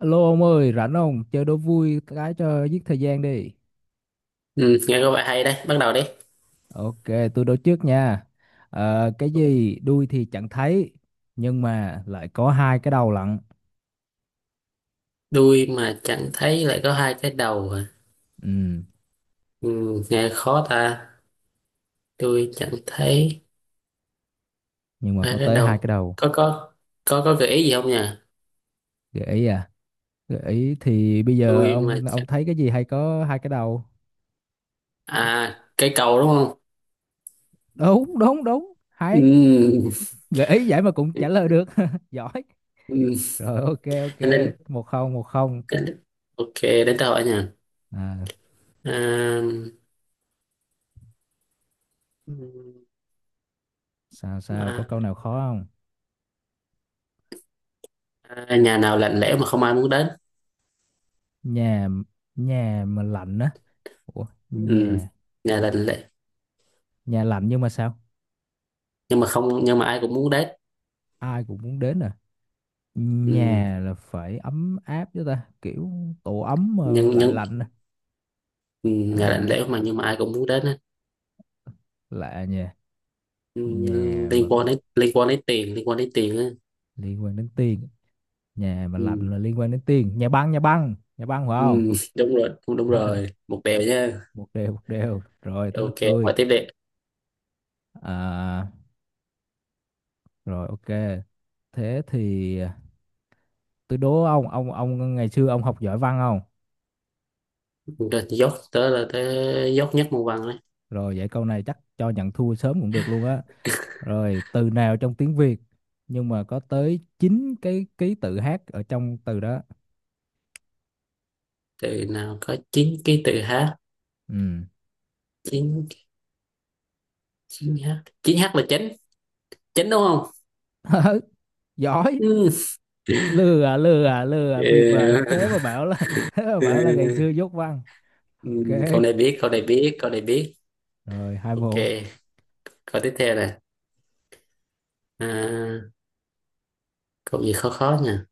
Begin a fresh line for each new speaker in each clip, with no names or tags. Alo ông ơi, rảnh không? Chơi đố vui cái cho giết thời gian đi.
Ừ, nghe có vẻ hay đấy, bắt đầu đi.
Ok, tôi đố trước nha. Cái gì đuôi thì chẳng thấy, nhưng mà lại có hai cái đầu lận.
Đuôi mà chẳng thấy lại có hai cái đầu à?
Ừ,
Ừ, nghe khó ta. Đuôi chẳng thấy,
nhưng mà
hai
có
cái
tới hai
đầu.
cái đầu.
Có có có gợi ý gì không nhỉ?
Gợi ý à? Gợi ý thì bây giờ
Đuôi mà
ông
chẳng,
thấy cái gì hay có hai cái đầu? Cái-
à, cây cầu đúng không?
Đúng, đúng, đúng. Hay.
Ừ.
Gợi ý vậy mà cũng trả lời được. Giỏi.
Ừ.
Rồi ok, ok.
Anh Đến,
Một không, một không.
anh đến, ok đến tôi hỏi nha.
À,
À,
sao sao? Có
à,
câu nào khó không?
à, nhà nào lạnh lẽo mà không ai muốn đến?
Nhà nhà mà lạnh á. Ủa,
Ừ.
nhà
Nhà lạnh lẽo
nhà lạnh nhưng mà sao
nhưng mà không nhưng mà ai cũng muốn đến.
ai cũng muốn đến à?
Ừ.
Nhà là phải ấm áp chứ ta, kiểu tổ ấm mà
Nhưng
lại
nhưng
lạnh à.
ừ, nhà lạnh
À,
lẽo mà, nhưng mà ai cũng muốn đến á.
lạ, nhà
Ừ,
nhà mà
liên quan đến tiền, liên quan đến tiền.
liên quan đến tiền, nhà mà lạnh
Ừ,
là liên quan đến tiền. Nhà băng, nhà băng, nhà băng phải
ừ,
không?
đúng rồi, đúng, đúng rồi, một bèo nha.
Một đều, một đều, rồi tới lượt
Ok,
tôi.
ngoài tiếp đi.
à, Rồi ok, thế thì, tôi đố Ông ngày xưa ông học giỏi văn không?
Rồi, dốc tới là tới, dốc nhất môn văn đấy.
Rồi, vậy câu này chắc cho nhận thua sớm cũng được luôn á. Rồi, từ nào trong tiếng Việt nhưng mà có tới 9 cái ký tự hát ở trong từ đó?
Từ nào có chín cái từ h?
Ừ.
Chín, chín h chín h là chánh, chánh đúng không?
Giỏi.
Ừ.
Lừa lừa lừa bịp à?
Ờ,
Thế mà bảo là, thế mà
ờ,
bảo là ngày xưa dốt văn.
ừ,
Ok,
câu này biết, câu này biết.
rồi, hai
Ok,
bộ.
câu tiếp theo nè. À, câu gì khó khó nha.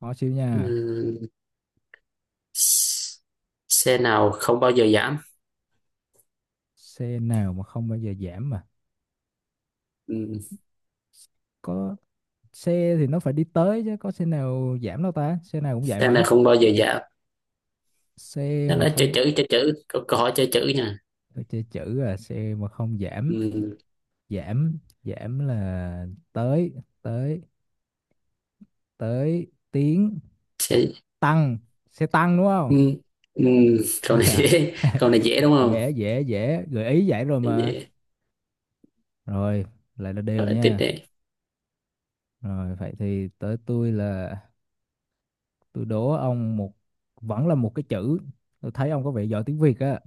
Khó xíu nha.
Ừ. Xe nào không bao giờ giảm?
Xe nào mà không bao giờ giảm mà?
Ừ.
Có xe thì nó phải đi tới chứ, có xe nào giảm đâu ta, xe nào cũng vậy
Xe nào
mà.
không bao giờ giảm,
Xe
nó
mà
nói chơi
không,
chữ, chơi chữ, câu hỏi chơi chữ nha.
tôi chơi chữ à? Xe mà không Giảm,
Ừ.
giảm giảm là tới, tới tới tiếng
Xe...
tăng. Xe tăng đúng không?
Ừ. Ừ. Câu này dễ, câu này dễ đúng không?
Dễ, dễ, dễ, gợi ý vậy rồi mà.
Dễ.
Rồi lại là đều
Rồi, tiếp
nha.
đi.
Rồi vậy thì tới tôi. Là tôi đố ông một, vẫn là một cái chữ. Tôi thấy ông có vẻ giỏi tiếng Việt á.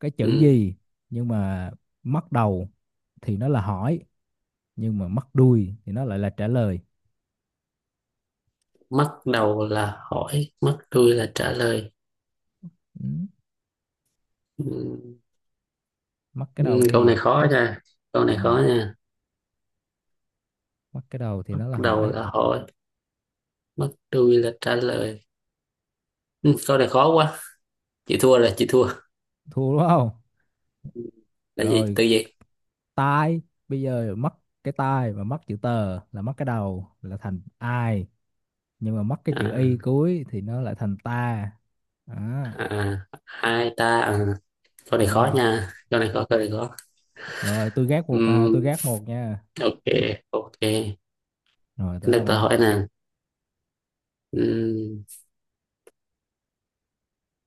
Cái chữ
Ừ.
gì nhưng mà mất đầu thì nó là hỏi, nhưng mà mất đuôi thì nó lại là trả lời.
Mất đầu là hỏi, mất đuôi là trả lời.
Ừ.
Ừ.
Mất cái đầu
Ừ. Câu
đi.
này khó nha, câu này
Ừ.
khó nha.
Mất cái đầu thì
Mất
nó là
đầu
hỏi.
là hỏi, mất đuôi là trả lời. Ừ. Câu này khó quá. Chị thua rồi, chị thua.
Thua đúng không?
Là gì,
Rồi,
từ gì?
tai. Bây giờ mất cái tai, và mất chữ tờ là mất cái đầu là thành ai, nhưng mà mất cái chữ y
À.
cuối thì nó lại thành ta. À,
À, hai ta à? Câu này khó
rồi
nha, câu này khó, câu này khó.
rồi tôi gác một nè,
Ừm,
tôi gác một nha.
ok, ok. Thế,
Rồi tới
để
ông
tôi
ạ.
hỏi nè. Ừm,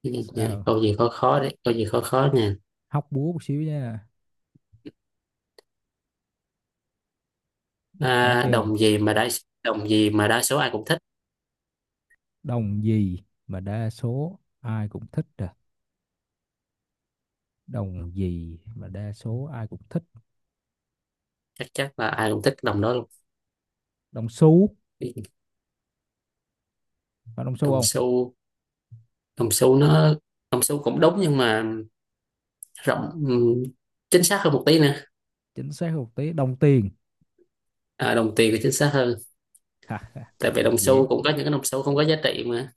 Sao,
câu gì khó khó đấy, câu gì khó khó nè.
hóc búa một xíu nha. Có
à,
chưa?
đồng gì mà đa Đồng gì mà đa số ai cũng thích?
Đồng gì mà đa số ai cũng thích à? Đồng gì mà đa số ai cũng thích?
Chắc chắc là ai cũng thích cái đồng đó luôn.
Đồng xu, phải đồng xu
Đồng
không?
xu? Đồng xu nó Đồng xu cũng đúng, nhưng mà rộng. Ừm, chính xác hơn một tí nè.
Chính xác một tí, đồng tiền.
À, đồng tiền thì chính xác hơn.
Ha,
Tại vì đồng xu
dễ,
cũng có những cái đồng xu không có giá trị mà.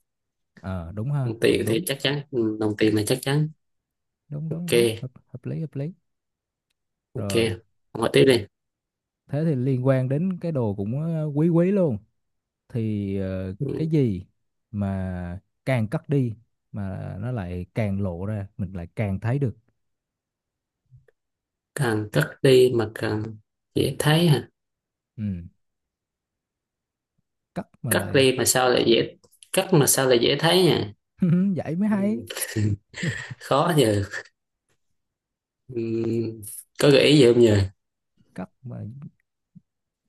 ờ đúng ha,
Đồng
cũng
tiền thì
đúng.
chắc chắn, ừ, đồng tiền là chắc chắn.
Đúng, đúng,
Ok.
đúng, hợp lý hợp lý.
Ok,
Rồi,
hỏi tiếp đi.
thế thì liên quan đến cái đồ cũng quý quý luôn. Thì cái
Ừ,
gì mà càng cất đi mà nó lại càng lộ ra, mình lại càng thấy được.
càng cắt đi mà càng dễ thấy hả?
Ừ, cất mà
Cắt
lại,
đi mà sao lại dễ Cắt mà sao lại dễ thấy nhỉ?
vậy mới
Ừ,
hay.
khó giờ. Ừ, có gợi ý gì không nhờ?
Cất mà,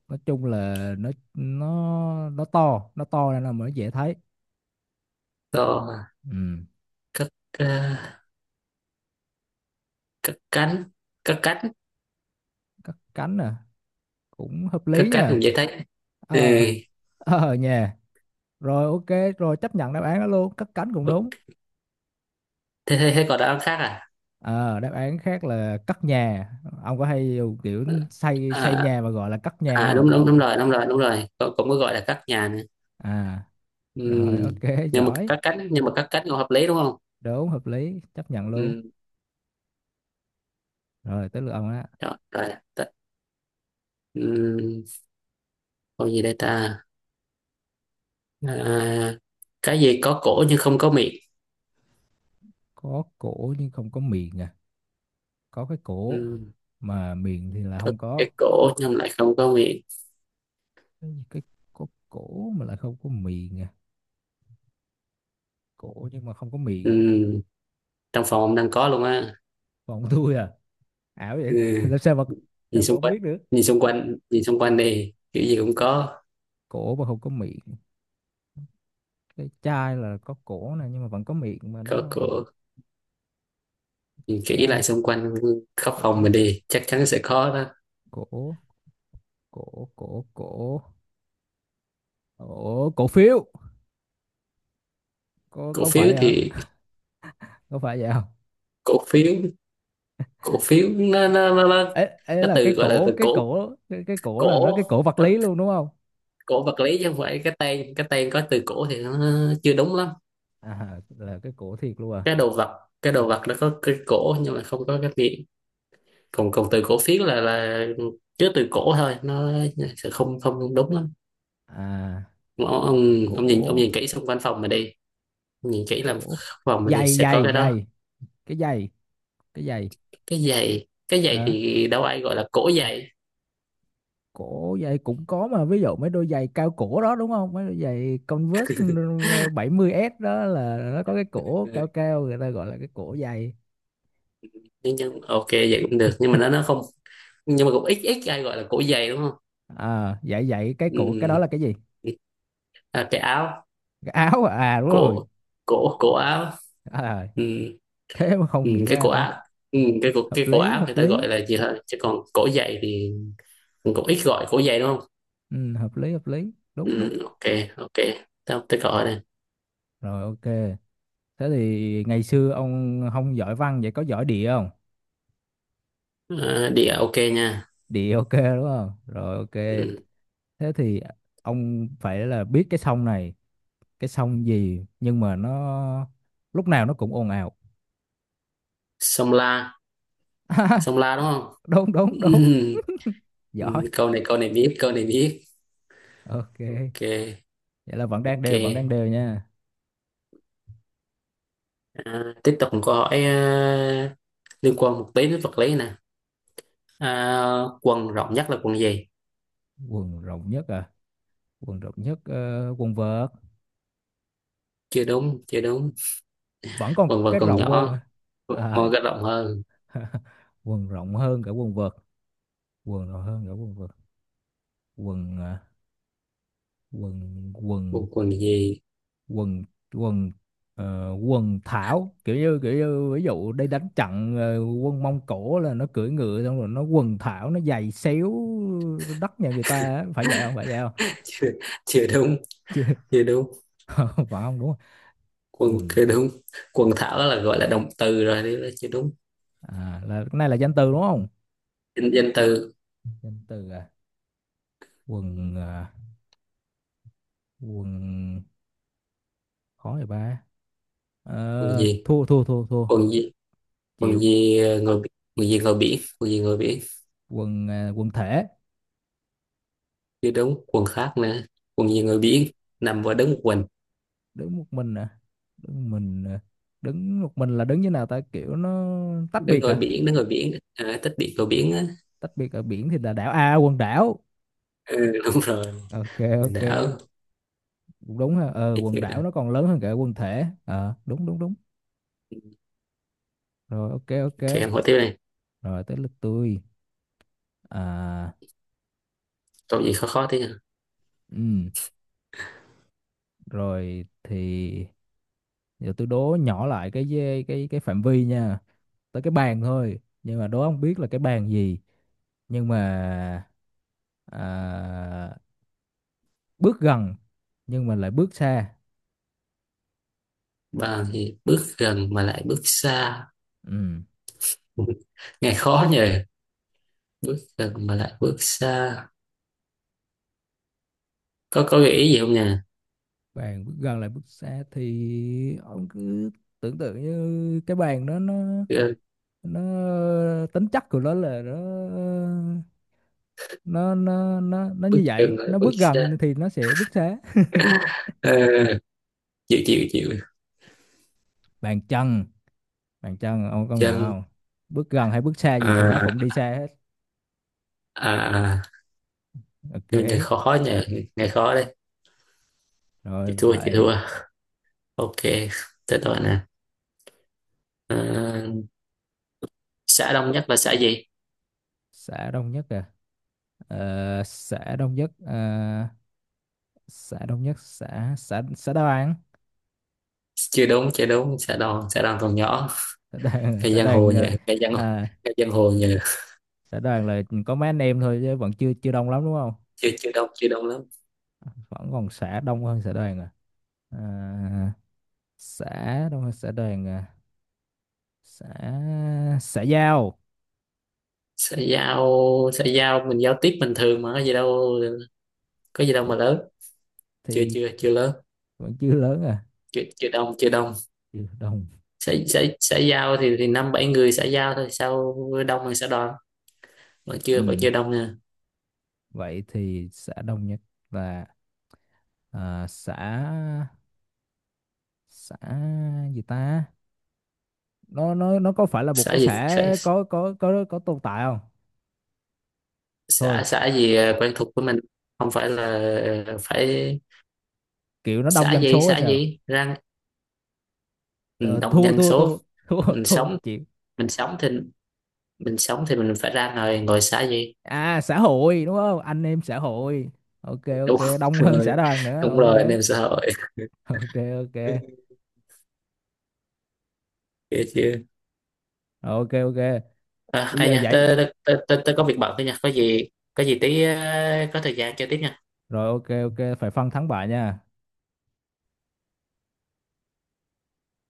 nói chung là nó to, nó to nên là mới dễ thấy.
To,
Ừ,
cắt, à, cắt cánh, cắt cánh,
cất cánh à, cũng hợp
cắt
lý
cánh
nha.
cũng dễ thấy. Ừ.
Ờ, ờ nha. Rồi ok, rồi chấp nhận đáp án đó luôn, cất cánh cũng đúng.
Thế còn đáp án khác à?
Ờ, đáp án khác là cất nhà. Ông có hay dùng kiểu xây xây
À,
nhà mà gọi là cất nhà
à
không?
đúng, đúng, đúng rồi, đúng rồi, đúng rồi, cũng, cũng có gọi là cắt nhà nữa.
À,
Ừ.
rồi ok, giỏi.
Nhưng mà cắt cánh cũng hợp lý đúng không?
Đúng, hợp lý, chấp nhận luôn.
Ừ.
Rồi tới lượt ông á.
Rồi, rồi. Ừ. Con gì đây ta? À, cái gì có cổ nhưng không có miệng?
Có cổ nhưng không có miệng à. Có cái cổ
Ừ,
mà miệng thì là
có
không có.
cái cổ nhưng lại không có miệng.
Cái gì, cái có cổ mà lại không có miệng à? Cổ nhưng mà không có miệng.
Ừ, trong phòng ông đang có luôn á.
Còn tôi à, ảo vậy.
Ừ,
Làm sao mà
nhìn
Sao mà
xung
ông
quanh,
biết được?
nhìn xung quanh, nhìn xung quanh đi. Kiểu gì cũng
Cổ mà không có miệng. Cái chai là có cổ này nhưng mà vẫn có miệng mà đúng
có
không?
cổ. Nhìn kỹ lại
Chai,
xung quanh khắp phòng
cổ
mình đi, chắc chắn sẽ có đó.
cổ cổ cổ cổ cổ cổ phiếu có
Cổ
có
phiếu
phải hả,
thì
có phải vậy không?
cổ phiếu, cổ phiếu nó,
Ấy ấy
nó
là cái
từ, gọi là
cổ,
từ
cái
cổ,
cổ cái, cái cổ là nó,
cổ.
cái cổ vật
Có
lý luôn đúng không?
cổ vật lý chứ không phải cái tên có từ cổ thì nó chưa đúng lắm.
À, là cái cổ thiệt luôn à?
Cái đồ vật nó có cái cổ nhưng mà không có cái miệng. Còn còn từ cổ phiến là chứa từ cổ thôi, nó sẽ không không đúng lắm.
À,
ông, ông ông
cổ
nhìn kỹ xung quanh phòng mà đi. Nhìn kỹ là
cổ
phòng mà đi
giày
sẽ có
giày
cái đó.
giày cái giày cái giày.
Cái giày
À,
thì đâu ai gọi là cổ giày.
cổ giày cũng có mà, ví dụ mấy đôi giày cao cổ đó đúng không? Mấy đôi giày Converse ừ, 70s đó, là nó có cái cổ
Ừ.
cao cao, người ta gọi là cái cổ giày.
Nhưng ok, vậy cũng được, nhưng mà nó không. Nhưng mà cũng ít ít ai gọi là cổ giày đúng không?
À, dạy dạy cái cổ, cái đó
Ừ.
là cái gì?
À, cái áo.
Cái áo à, à đúng rồi.
Cổ cổ cổ áo.
À, rồi.
Ừ.
Thế mà
Ừ,
không nghĩ
cái
ra
cổ
ta.
áo. Ừ, cái cổ,
Hợp
cái cổ
lý,
áo người
hợp
ta gọi
lý.
là gì thôi, chứ còn cổ giày thì cũng ít gọi cổ giày đúng không?
Ừ, hợp lý, hợp lý, đúng đúng.
Ừ, ok, ok, tao tới gọi đây.
Rồi ok. Thế thì ngày xưa ông không giỏi văn, vậy có giỏi địa không?
Ờ, địa ok nha.
Địa ok đúng không, rồi ok.
Ừ.
Thế thì ông phải là biết cái sông này, cái sông gì nhưng mà nó lúc nào nó cũng ồn ào.
Sông La, sông La đúng không?
Đúng,
Ừ.
đúng, đúng.
Ừ,
Giỏi.
câu này, câu này biết, câu này biết.
Ok,
Ok,
vậy là vẫn đang
ok.
đều, vẫn đang đều nha.
À, tiếp tục một câu hỏi. À, liên quan một tí đến vật lý nè. À, quần rộng nhất là quần gì?
Quần rộng nhất à? Quần rộng nhất, quần vợt.
Chưa đúng, chưa đúng.
Vẫn còn
Quần vợt
cái
còn
rộng hơn
nhỏ.
à? À,
Quần vợt rộng hơn.
quần rộng hơn cả quần vợt. Quần rộng hơn cả quần vợt. Quần à, quần quần
Quần quần gì?
quần quần quần thảo, kiểu như ví dụ đây, đánh trận quân Mông Cổ là nó cưỡi ngựa xong rồi nó quần thảo, nó giày xéo đất nhà người ta á. Phải vậy không, phải vậy không?
Chưa đúng, chưa đúng.
Phải không, đúng không?
Quần
Quần
chưa đúng. Quần thảo là gọi là động từ rồi, đấy là chưa đúng.
à, là cái này là danh từ đúng không?
Danh danh từ.
Danh từ à, quần à, quần, khó vậy ba.
Quần
Ờ,
gì,
thua thua thua thua,
quần gì, quần
chịu.
gì, ờ, quần gì ngồi biển, quần gì ngồi biển.
Quần à, quần thể.
Chưa đúng, quần khác nữa. Quần gì ngồi biển, nằm và đứng một mình.
Đứng một mình à? Đứng mình à. Đứng một mình là đứng như nào ta, kiểu nó tách
Đứng
biệt
ngồi
hả?
biển, đứng ngồi biển, à, tích điện ngồi biển á.
Tách biệt ở biển thì là đảo, à quần đảo.
Ừ, đúng rồi.
Ok, ok,
Đảo.
cũng đúng ha, ờ quần đảo
Ok.
nó còn lớn hơn cả quần thể, ờ đúng đúng đúng. Rồi ok, ok.
Em hỏi tiếp này.
Rồi tới lượt tôi. À,
Câu gì khó khó thế nhỉ?
ừ, rồi thì giờ tôi đố nhỏ lại cái cái phạm vi nha. Tới cái bàn thôi, nhưng mà đố không biết là cái bàn gì. Nhưng mà à, bước gần nhưng mà lại bước xa.
Bằng thì bước gần mà lại bước xa.
Ừ.
Nghe khó nhỉ. Bước gần mà lại bước xa. Có gợi ý gì không nhỉ?
Bàn bước gần lại bước xa thì ông cứ tưởng tượng như cái bàn đó, nó
Ờ,
nó tính chất của nó là nó, nó
bước
như vậy,
chân lại
nó
bước
bước
xa.
gần thì nó sẽ bước xa.
À, chịu, chịu, chịu.
Bàn chân, bàn chân ông công nhận
Chân.
không? Bước gần hay bước xa gì thì nó
À,
cũng đi xa hết.
à, à, nhưng này
Ok,
khó nhờ, nghe khó đấy.
rồi
Chị thua, chị
lại.
thua. Ok, tới tôi nè. À, xã Đông Nhất là xã gì?
Xã Đông Nhất à? Ờ, xã đông nhất à, xã Đông Nhất, xã xã xã Đoàn.
Chưa đúng, chưa đúng. Xã Đông, xã Đông còn nhỏ.
Xã Đoàn,
Cái
xã
giang hồ
đoàn
nhờ,
à,
cái giang hồ nhờ.
xã Đoàn là có mấy anh em thôi chứ vẫn chưa chưa đông lắm đúng không?
Chưa chưa đông, chưa đông lắm.
Vẫn còn xã đông hơn xã Đoàn à? À, xã đông hơn xã Đoàn à? Xã xã Giao.
Xã giao. Xã giao mình giao tiếp bình thường mà, có gì đâu. Có gì đâu
thì
mà lớn. chưa
thì
chưa chưa lớn.
vẫn chưa lớn à,
Chưa chưa đông, chưa đông.
chưa đông.
Xã xã xã giao thì năm bảy người xã giao thôi sao, đông hơn xã đoàn. vẫn chưa vẫn
Ừ.
chưa đông nha.
Vậy thì xã Đông Nhất là, à xã xã gì ta, nó có phải là một
Xã
cái
gì,
xã
xã
có tồn tại không? Thôi
xã, xã gì, à, quen thuộc với mình. Không phải là, ờ, phải.
kiểu nó đông
Xã
dân
gì,
số hay
xã
sao.
gì ra. Ừ,
Ờ,
đồng
Thua,
nhân
thua,
số.
thua, thua.
mình
Thua,
sống
chịu.
mình sống thì mình sống thì mình phải ra ngoài ngồi xã gì.
À, xã hội đúng không, anh em xã hội. Ok, ok,
Đúng
đông hơn xã
rồi,
đoàn nữa
đúng rồi, anh
ok.
em xã hội.
Ok, ok,
Kìa chưa.
ok, ok,
À,
bây
ai
giờ
nha,
vậy.
tớ có việc bận thôi nha, có gì, có gì tí ờ, có thời gian chơi tiếp nha.
Rồi ok, ok, phải phân thắng bại nha.